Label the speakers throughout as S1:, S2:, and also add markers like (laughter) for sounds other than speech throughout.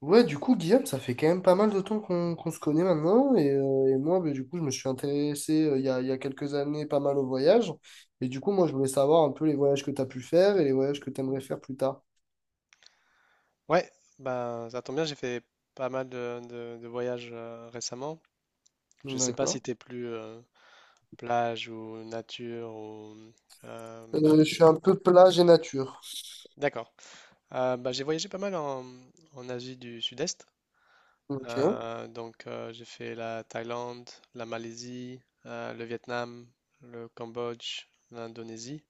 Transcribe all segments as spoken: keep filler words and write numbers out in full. S1: Ouais, du coup, Guillaume, ça fait quand même pas mal de temps qu'on qu'on se connaît maintenant. Et, euh, et moi, bah, du coup, je me suis intéressé euh, il y a, il y a quelques années pas mal au voyage. Et du coup, moi, je voulais savoir un peu les voyages que tu as pu faire et les voyages que tu aimerais faire plus tard.
S2: Ouais, bah ça tombe bien, j'ai fait pas mal de, de- de voyages euh, récemment. Je sais pas
S1: D'accord.
S2: si t'es plus euh, plage ou nature ou euh,
S1: Euh, je suis un peu plage et nature.
S2: d'accord. Euh, bah, j'ai voyagé pas mal en, en Asie du Sud-Est.
S1: Ok.
S2: Euh, donc euh, j'ai fait la Thaïlande, la Malaisie, euh, le Vietnam, le Cambodge, l'Indonésie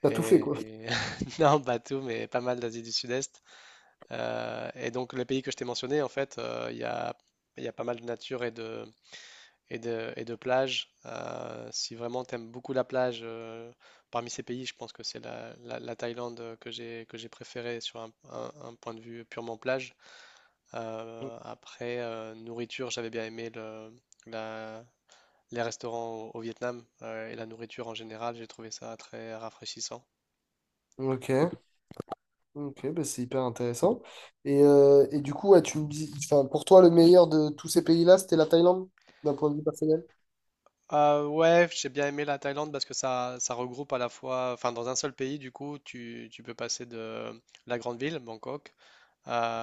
S1: T'as tout fait, quoi.
S2: et, (laughs) non pas tout mais pas mal d'Asie du Sud-Est. Euh, et donc les pays que je t'ai mentionnés en fait euh, il y a il y a pas mal de nature et de et de, et de plage. Euh, si vraiment tu aimes beaucoup la plage, euh, parmi ces pays, je pense que c'est la, la- la Thaïlande euh, que j'ai que j'ai préférée sur un, un- un point de vue purement plage. Euh, après, euh, nourriture, j'avais bien aimé le, la- les restaurants au, au Vietnam euh, et la nourriture en général, j'ai trouvé ça très rafraîchissant.
S1: Ok. Ok, bah, c'est hyper intéressant. Et, euh, et du coup, ouais, tu me dis, enfin, pour toi, le meilleur de tous ces pays-là, c'était la Thaïlande, d'un point de vue personnel?
S2: Euh, ouais, j'ai bien aimé la Thaïlande parce que ça, ça regroupe à la fois, enfin dans un seul pays, du coup, tu, tu peux passer de la grande ville, Bangkok.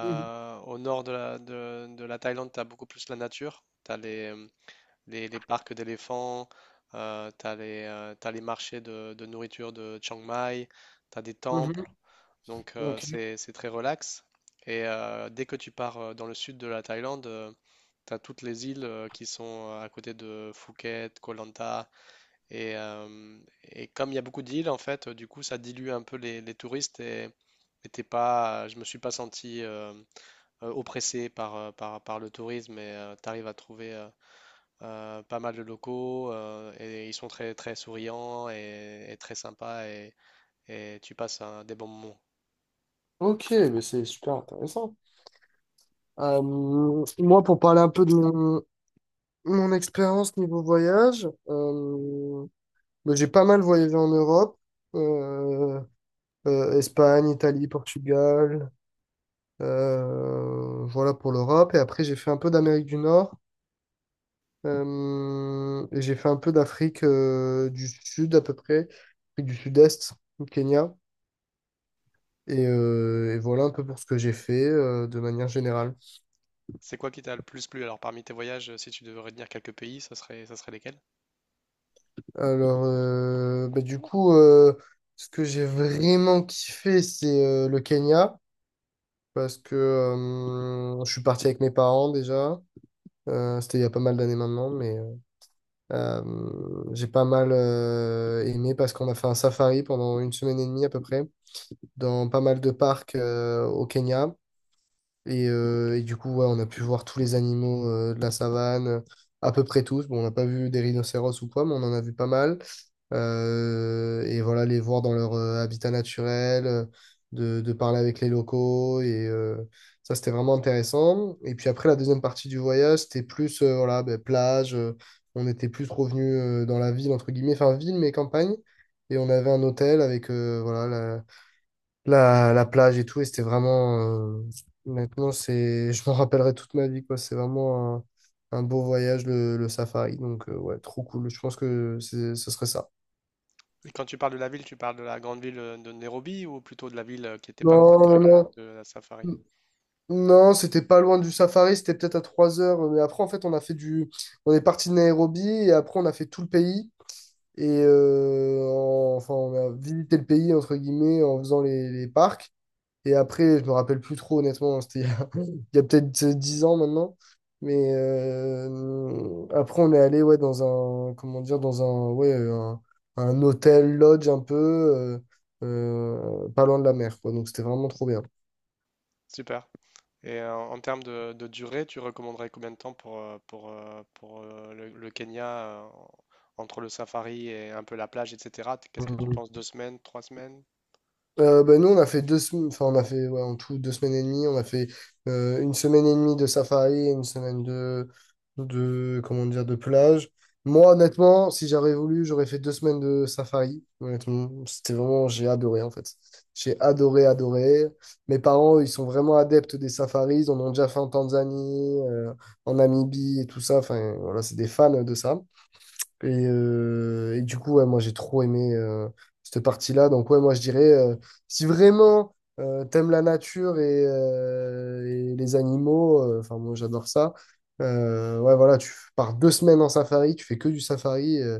S1: Mhm.
S2: au nord de la, de, de la Thaïlande, tu as beaucoup plus la nature. Tu as les, les, les parcs d'éléphants, tu as les, euh, t'as les marchés de, de nourriture de Chiang Mai, tu as des temples.
S1: Mhm.
S2: Donc, euh,
S1: Ok.
S2: c'est, c'est très relax. Et euh, dès que tu pars euh, dans le sud de la Thaïlande, tu as toutes les îles euh, qui sont euh, à côté de Phuket, Koh Lanta. Et, euh, et comme il y a beaucoup d'îles, en fait, euh, du coup, ça dilue un peu les, les touristes. Et, et t'es pas, je me suis pas senti, euh, euh, oppressé par, euh, par, par le tourisme et tu arrives à trouver euh, euh, pas mal de locaux euh, et ils sont très, très souriants et, et très sympas et, et tu passes un- des bons moments.
S1: Ok, mais c'est super intéressant. Euh, Moi, pour parler un peu de mon, mon expérience niveau voyage, euh, bah, j'ai pas mal voyagé en Europe, euh, euh, Espagne, Italie, Portugal, euh, voilà pour l'Europe. Et après, j'ai fait un peu d'Amérique du Nord, euh, et j'ai fait un peu d'Afrique euh, du Sud à peu près, Afrique du Sud-Est, du Kenya. Et, euh, et voilà un peu pour ce que j'ai fait euh, de manière générale.
S2: C'est quoi qui t'a le plus plu? Alors parmi tes voyages, euh, si tu devais retenir quelques pays, ça serait, ça serait lesquels?
S1: Alors, euh, bah, du coup, euh, ce que j'ai vraiment kiffé, c'est euh, le Kenya, parce que euh, je suis parti avec mes parents déjà. Euh, c'était il y a pas mal d'années maintenant, mais euh, euh, j'ai pas mal euh, aimé parce qu'on a fait un safari pendant une semaine et demie à peu près, dans pas mal de parcs euh, au Kenya. Et, euh, et du coup, ouais, on a pu voir tous les animaux euh, de la savane, à peu près tous. Bon, on n'a pas vu des rhinocéros ou quoi, mais on en a vu pas mal. Euh, et voilà, les voir dans leur euh, habitat naturel, euh, de, de parler avec les locaux. Et euh, ça, c'était vraiment intéressant. Et puis après, la deuxième partie du voyage, c'était plus euh, voilà, ben, plage. Euh, on était plus revenu euh, dans la ville, entre guillemets, enfin ville, mais campagne. Et on avait un hôtel avec euh, voilà, la, la plage et tout, et c'était vraiment, euh, honnêtement, c'est, je m'en rappellerai toute ma vie, quoi. C'est vraiment un, un beau voyage, le, le safari. Donc, euh, ouais, trop cool. Je pense que c'est- ce serait ça.
S2: Et quand tu parles de la ville, tu parles de la grande ville euh, de Nairobi ou plutôt de la ville euh, qui était pas loin
S1: Non,
S2: de,
S1: non, non.
S2: de la safari?
S1: Non, c'était pas loin du safari, c'était peut-être à trois heures. Mais après, en fait, on a fait du. On est parti de Nairobi et après, on a fait tout le pays. Et euh, en- enfin, on a visité le pays, entre guillemets, en faisant les, les parcs. Et après, je me rappelle plus trop, honnêtement, hein. C'était il y a, (laughs) il y a peut-être dix ans maintenant. Mais euh, après, on est allé ouais, dans un, comment dire, dans un, ouais, un, un hôtel, lodge un peu, euh, euh, pas loin de la mer, quoi. Donc, c'était vraiment trop bien.
S2: Super. Et euh, en termes de, de durée, tu recommanderais combien de temps pour, euh, pour, euh, pour euh, le, le Kenya, euh, entre le safari et un peu la plage, et cetera t- Qu'est-ce que tu
S1: Mhm.
S2: penses? Deux semaines, trois semaines?
S1: Euh, ben nous, on a fait deux semaines, enfin, on a fait ouais, en tout deux semaines et demie. On a fait euh, une semaine et demie de safari et une semaine de, de, comment dire, de plage. Moi, honnêtement, si j'avais voulu, j'aurais fait deux semaines de safari. Honnêtement, c'était vraiment, j'ai adoré en fait. J'ai adoré, adoré. Mes parents, eux, ils sont vraiment adeptes des safaris. Ils en ont déjà fait en Tanzanie, euh, en Namibie et tout ça. Enfin, voilà, c'est des fans de ça. Et, euh, et du coup, ouais, moi, j'ai trop aimé euh, cette partie-là. Donc, ouais, moi, je dirais, euh, si vraiment euh, t'aimes la nature et, euh, et les animaux, euh, enfin, moi, j'adore ça. Euh, ouais, voilà, tu pars deux semaines en safari, tu fais que du safari. euh,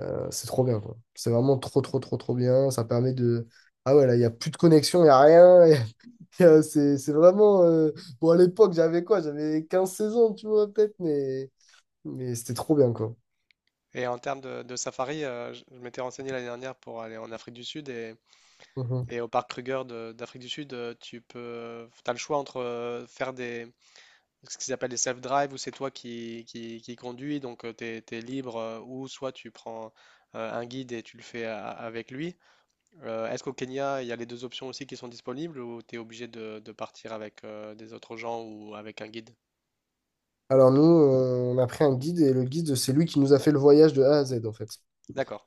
S1: euh, C'est trop bien, quoi. C'est vraiment trop, trop, trop, trop bien. Ça permet de... Ah ouais, là, il n'y a plus de connexion, il n'y a rien. (laughs) y a- y a- C'est c'est vraiment. euh, Bon, à l'époque, j'avais quoi? J'avais quinze seize ans, tu vois, peut-être, mais, mais c'était trop bien, quoi.
S2: Et en termes de, de safari, euh, je je m'étais renseigné l'année dernière pour aller en Afrique du Sud et, et au parc Kruger de- d'Afrique du Sud, euh, tu peux, t'as le choix entre euh, faire des, ce qu'ils appellent des self-drive où c'est toi qui, qui, qui conduis, donc tu es libre, euh, ou soit tu prends euh, un guide et tu le fais a- avec lui. Euh, est-ce qu'au Kenya, il y a les deux options aussi qui sont disponibles ou tu es obligé de, de partir avec euh, des autres gens ou avec un guide?
S1: Alors nous, euh, on a pris un guide et le guide, c'est lui qui nous a fait le voyage de A à Z en fait.
S2: D'accord,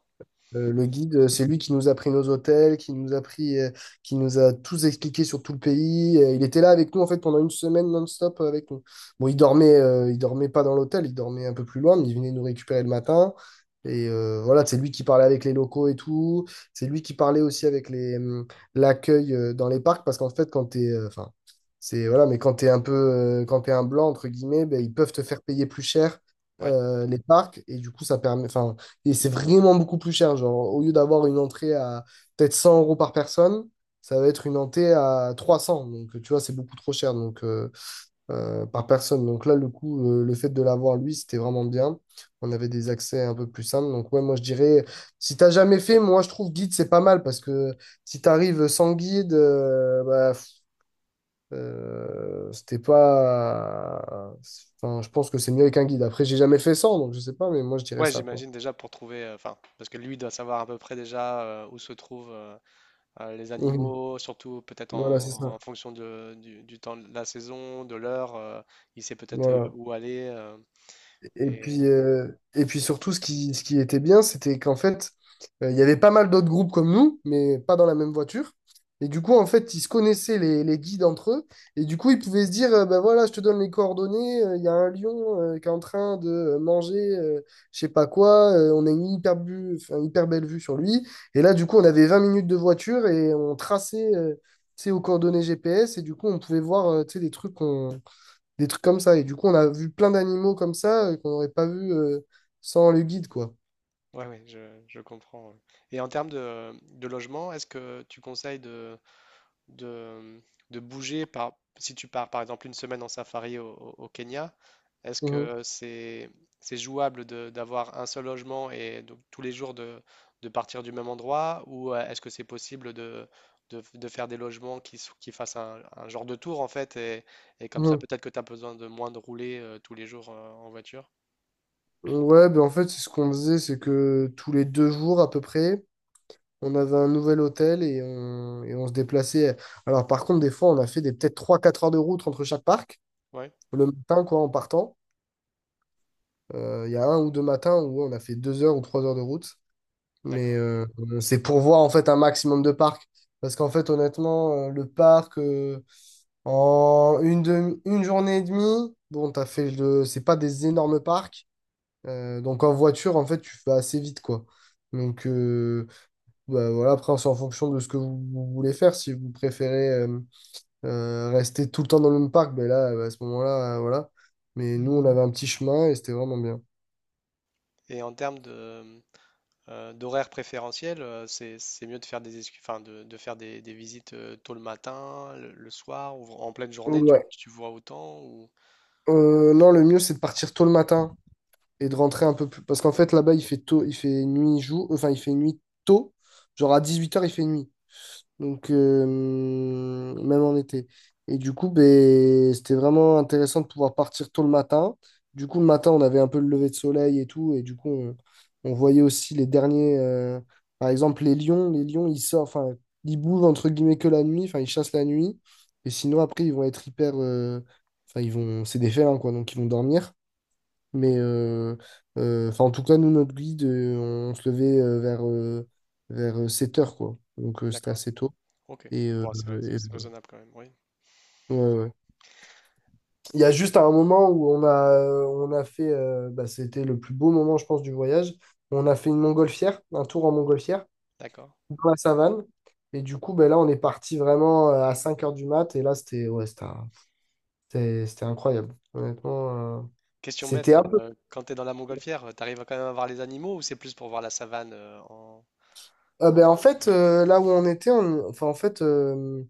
S1: Euh, le guide, euh, c'est lui qui nous a pris nos hôtels, qui nous a pris, euh, qui nous a tous expliqué sur tout le pays. Euh, il était là avec nous en fait pendant une semaine non-stop euh, avec nous. Bon, il dormait, euh, il dormait pas dans l'hôtel, il dormait un peu plus loin, mais il venait nous récupérer le matin. Et euh, voilà, c'est lui qui parlait avec les locaux et tout. C'est lui qui parlait aussi avec les, hum, l'accueil euh, dans les parcs parce qu'en fait, quand t'es, euh, enfin, c'est voilà, mais quand t'es un peu, euh, quand t'es un blanc entre guillemets, ben, ils peuvent te faire payer plus cher
S2: ouais.
S1: euh, les parcs et du coup, ça permet, enfin. Et c'est vraiment beaucoup plus cher. Genre, au lieu d'avoir une entrée à peut-être cent euros par personne, ça va être une entrée à trois cents. Donc, tu vois, c'est beaucoup trop cher donc, euh, euh, par personne. Donc là, le coup, euh, le fait de l'avoir, lui, c'était vraiment bien. On avait des accès un peu plus simples. Donc, ouais, moi, je dirais, si t'as jamais fait, moi, je trouve guide, c'est pas mal parce que si t'arrives sans guide, euh, bah, pff, euh, c'était pas. Enfin, je pense que c'est mieux avec un guide. Après, j'ai jamais fait sans, donc je sais pas, mais moi, je dirais
S2: Ouais,
S1: ça, quoi.
S2: j'imagine déjà pour trouver, euh, enfin, parce que lui doit savoir à peu près déjà euh, où se trouvent euh, euh, les
S1: (laughs) Mhm.
S2: animaux, surtout peut-être
S1: Voilà,
S2: en,
S1: c'est ça.
S2: en fonction de, du, du temps de la saison, de l'heure, euh, il sait peut-être euh,
S1: Voilà.
S2: où aller. Euh,
S1: Et puis,
S2: et
S1: euh, et puis surtout, ce qui, ce qui était bien, c'était qu'en fait, euh, il y avait pas mal d'autres groupes comme nous, mais pas dans la même voiture. Et du coup, en fait, ils se connaissaient les, les guides entre eux. Et du coup, ils pouvaient se dire, euh, ben voilà, je te donne les coordonnées, euh, il y a un lion euh, qui est en train de manger, euh, je sais pas quoi, euh, on a une hyper, bu- enfin, hyper belle vue sur lui. Et là, du coup, on avait vingt minutes de voiture et on traçait, euh, tu sais, aux coordonnées G P S. Et du coup, on pouvait voir, euh, tu sais, des trucs qu'on des trucs comme ça. Et du coup, on a vu plein d'animaux comme ça euh, qu'on n'aurait pas vu euh, sans le guide, quoi.
S2: ouais, ouais, je, je comprends. Ouais. Et en termes de, de logement, est-ce que tu conseilles de de, de bouger par, si tu pars par exemple une semaine en safari au, au- au Kenya, est-ce
S1: Mhm.
S2: que c'est c'est jouable de- d'avoir un seul logement et donc tous les jours de, de partir du même endroit ou euh, est-ce que c'est possible de, de, de faire des logements qui, s- qui fassent un, un genre de tour en fait et, et comme ça
S1: Mhm.
S2: peut-être que tu as besoin de moins de rouler euh, tous les jours euh, en voiture?
S1: Ouais, ben en fait, c'est ce qu'on faisait, c'est que tous les deux jours à peu près, on avait un nouvel hôtel et on, et on se déplaçait. Alors par contre, des fois, on a fait des peut-être trois quatre heures de route entre chaque parc,
S2: Ouais,
S1: le matin, quoi, en partant. Euh, Il y a un ou deux matins où ouais, on a fait deux heures ou trois heures de route. Mais
S2: d'accord.
S1: euh, c'est pour voir en fait un maximum de parcs. Parce qu'en fait, honnêtement, euh, le parc, euh, En une, demi- une journée et demie, bon, t'as fait le... C'est pas des énormes parcs. Euh, donc en voiture, en fait, tu fais assez vite, quoi. Donc euh, Bah, voilà, après, c'est en fonction de ce que vous, vous voulez faire. Si vous préférez euh, euh, rester tout le temps dans le même parc, ben là, à ce moment-là, euh, voilà. Mais nous, on avait un petit chemin et c'était vraiment bien.
S2: Et en termes de, euh, d'horaire préférentiel, euh, c'est c'est mieux de faire des excu- enfin, de, de faire des, des visites euh, tôt le matin, le, le soir ou en pleine journée, tu,
S1: Ouais.
S2: tu vois autant ou
S1: Euh, non, le mieux, c'est de partir tôt le matin et de rentrer un peu plus. Parce qu'en fait, là-bas, il fait tôt, il fait nuit, jour, enfin, il fait nuit tôt. Genre à dix-huit heures, il fait nuit. Donc, euh, même en été. Et du coup, ben, c'était vraiment intéressant de pouvoir partir tôt le matin. Du coup, le matin, on, avait un peu le lever de soleil et tout. Et du coup, on, on voyait aussi les derniers. Euh, par exemple, les lions. Les lions, ils sortent. Enfin, ils bougent entre guillemets que la nuit. Enfin, ils chassent la nuit. Et sinon, après, ils vont être hyper. euh, Enfin, ils vont. C'est des félins, quoi. Donc, ils vont dormir. Mais. euh, euh, enfin, en tout cas, nous, notre guide, euh, on se levait euh, vers, euh, vers euh, sept heures, quoi. Donc, euh, c'était
S2: d'accord.
S1: assez tôt.
S2: OK.
S1: Et, euh,
S2: Bon, c'est rais-
S1: et-
S2: c'est raisonnable quand même, oui.
S1: voilà. Ouais, ouais. Il y a juste un moment où on a, on a fait, euh, bah, c'était le plus beau moment, je pense, du voyage. On a fait une montgolfière, un tour en montgolfière,
S2: D'accord.
S1: dans la savane. Et du coup, ben là, on est parti vraiment euh, à cinq heures du mat. Et là, c'était ouais, c'était un- c'était- c'était incroyable. Honnêtement, euh,
S2: Question
S1: c'était
S2: bête,
S1: un peu.
S2: euh, quand tu es dans la montgolfière, euh, t'arrives à quand même à voir les animaux ou c'est plus pour voir la savane euh, en...
S1: Ah, ben, en fait, euh, là où on était, on- enfin, en fait, euh,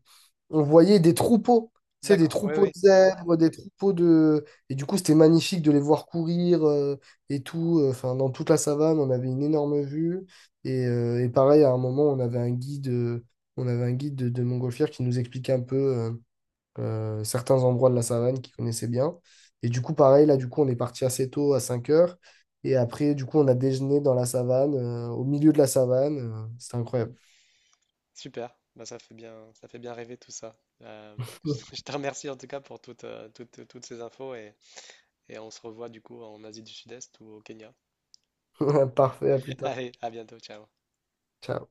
S1: on voyait des troupeaux, tu sais, des
S2: D'accord. Oui,
S1: troupeaux de
S2: oui, oui.
S1: zèbres, des troupeaux de... Et du coup, c'était magnifique de les voir courir euh, et tout. euh, Enfin, dans toute la savane, on avait une énorme vue. Et, euh, et pareil, à un moment, on avait un guide, euh, on avait un guide de, de, montgolfière qui nous expliquait un peu euh, euh, certains endroits de la savane qu'il connaissait bien. Et du coup, pareil, là, du coup, on est parti assez tôt, à cinq heures. Et après, du coup, on a déjeuné dans la savane, euh, au milieu de la savane. Euh, C'était incroyable.
S2: Super. Bah, ça fait bien, ça fait bien rêver tout ça. Euh, (laughs) je te remercie en tout cas pour toutes, euh, toutes, toutes ces infos et, et on se revoit du coup en Asie du Sud-Est ou au Kenya.
S1: (laughs) Parfait, à plus
S2: (laughs)
S1: tard.
S2: Allez, à bientôt, ciao.
S1: Ciao.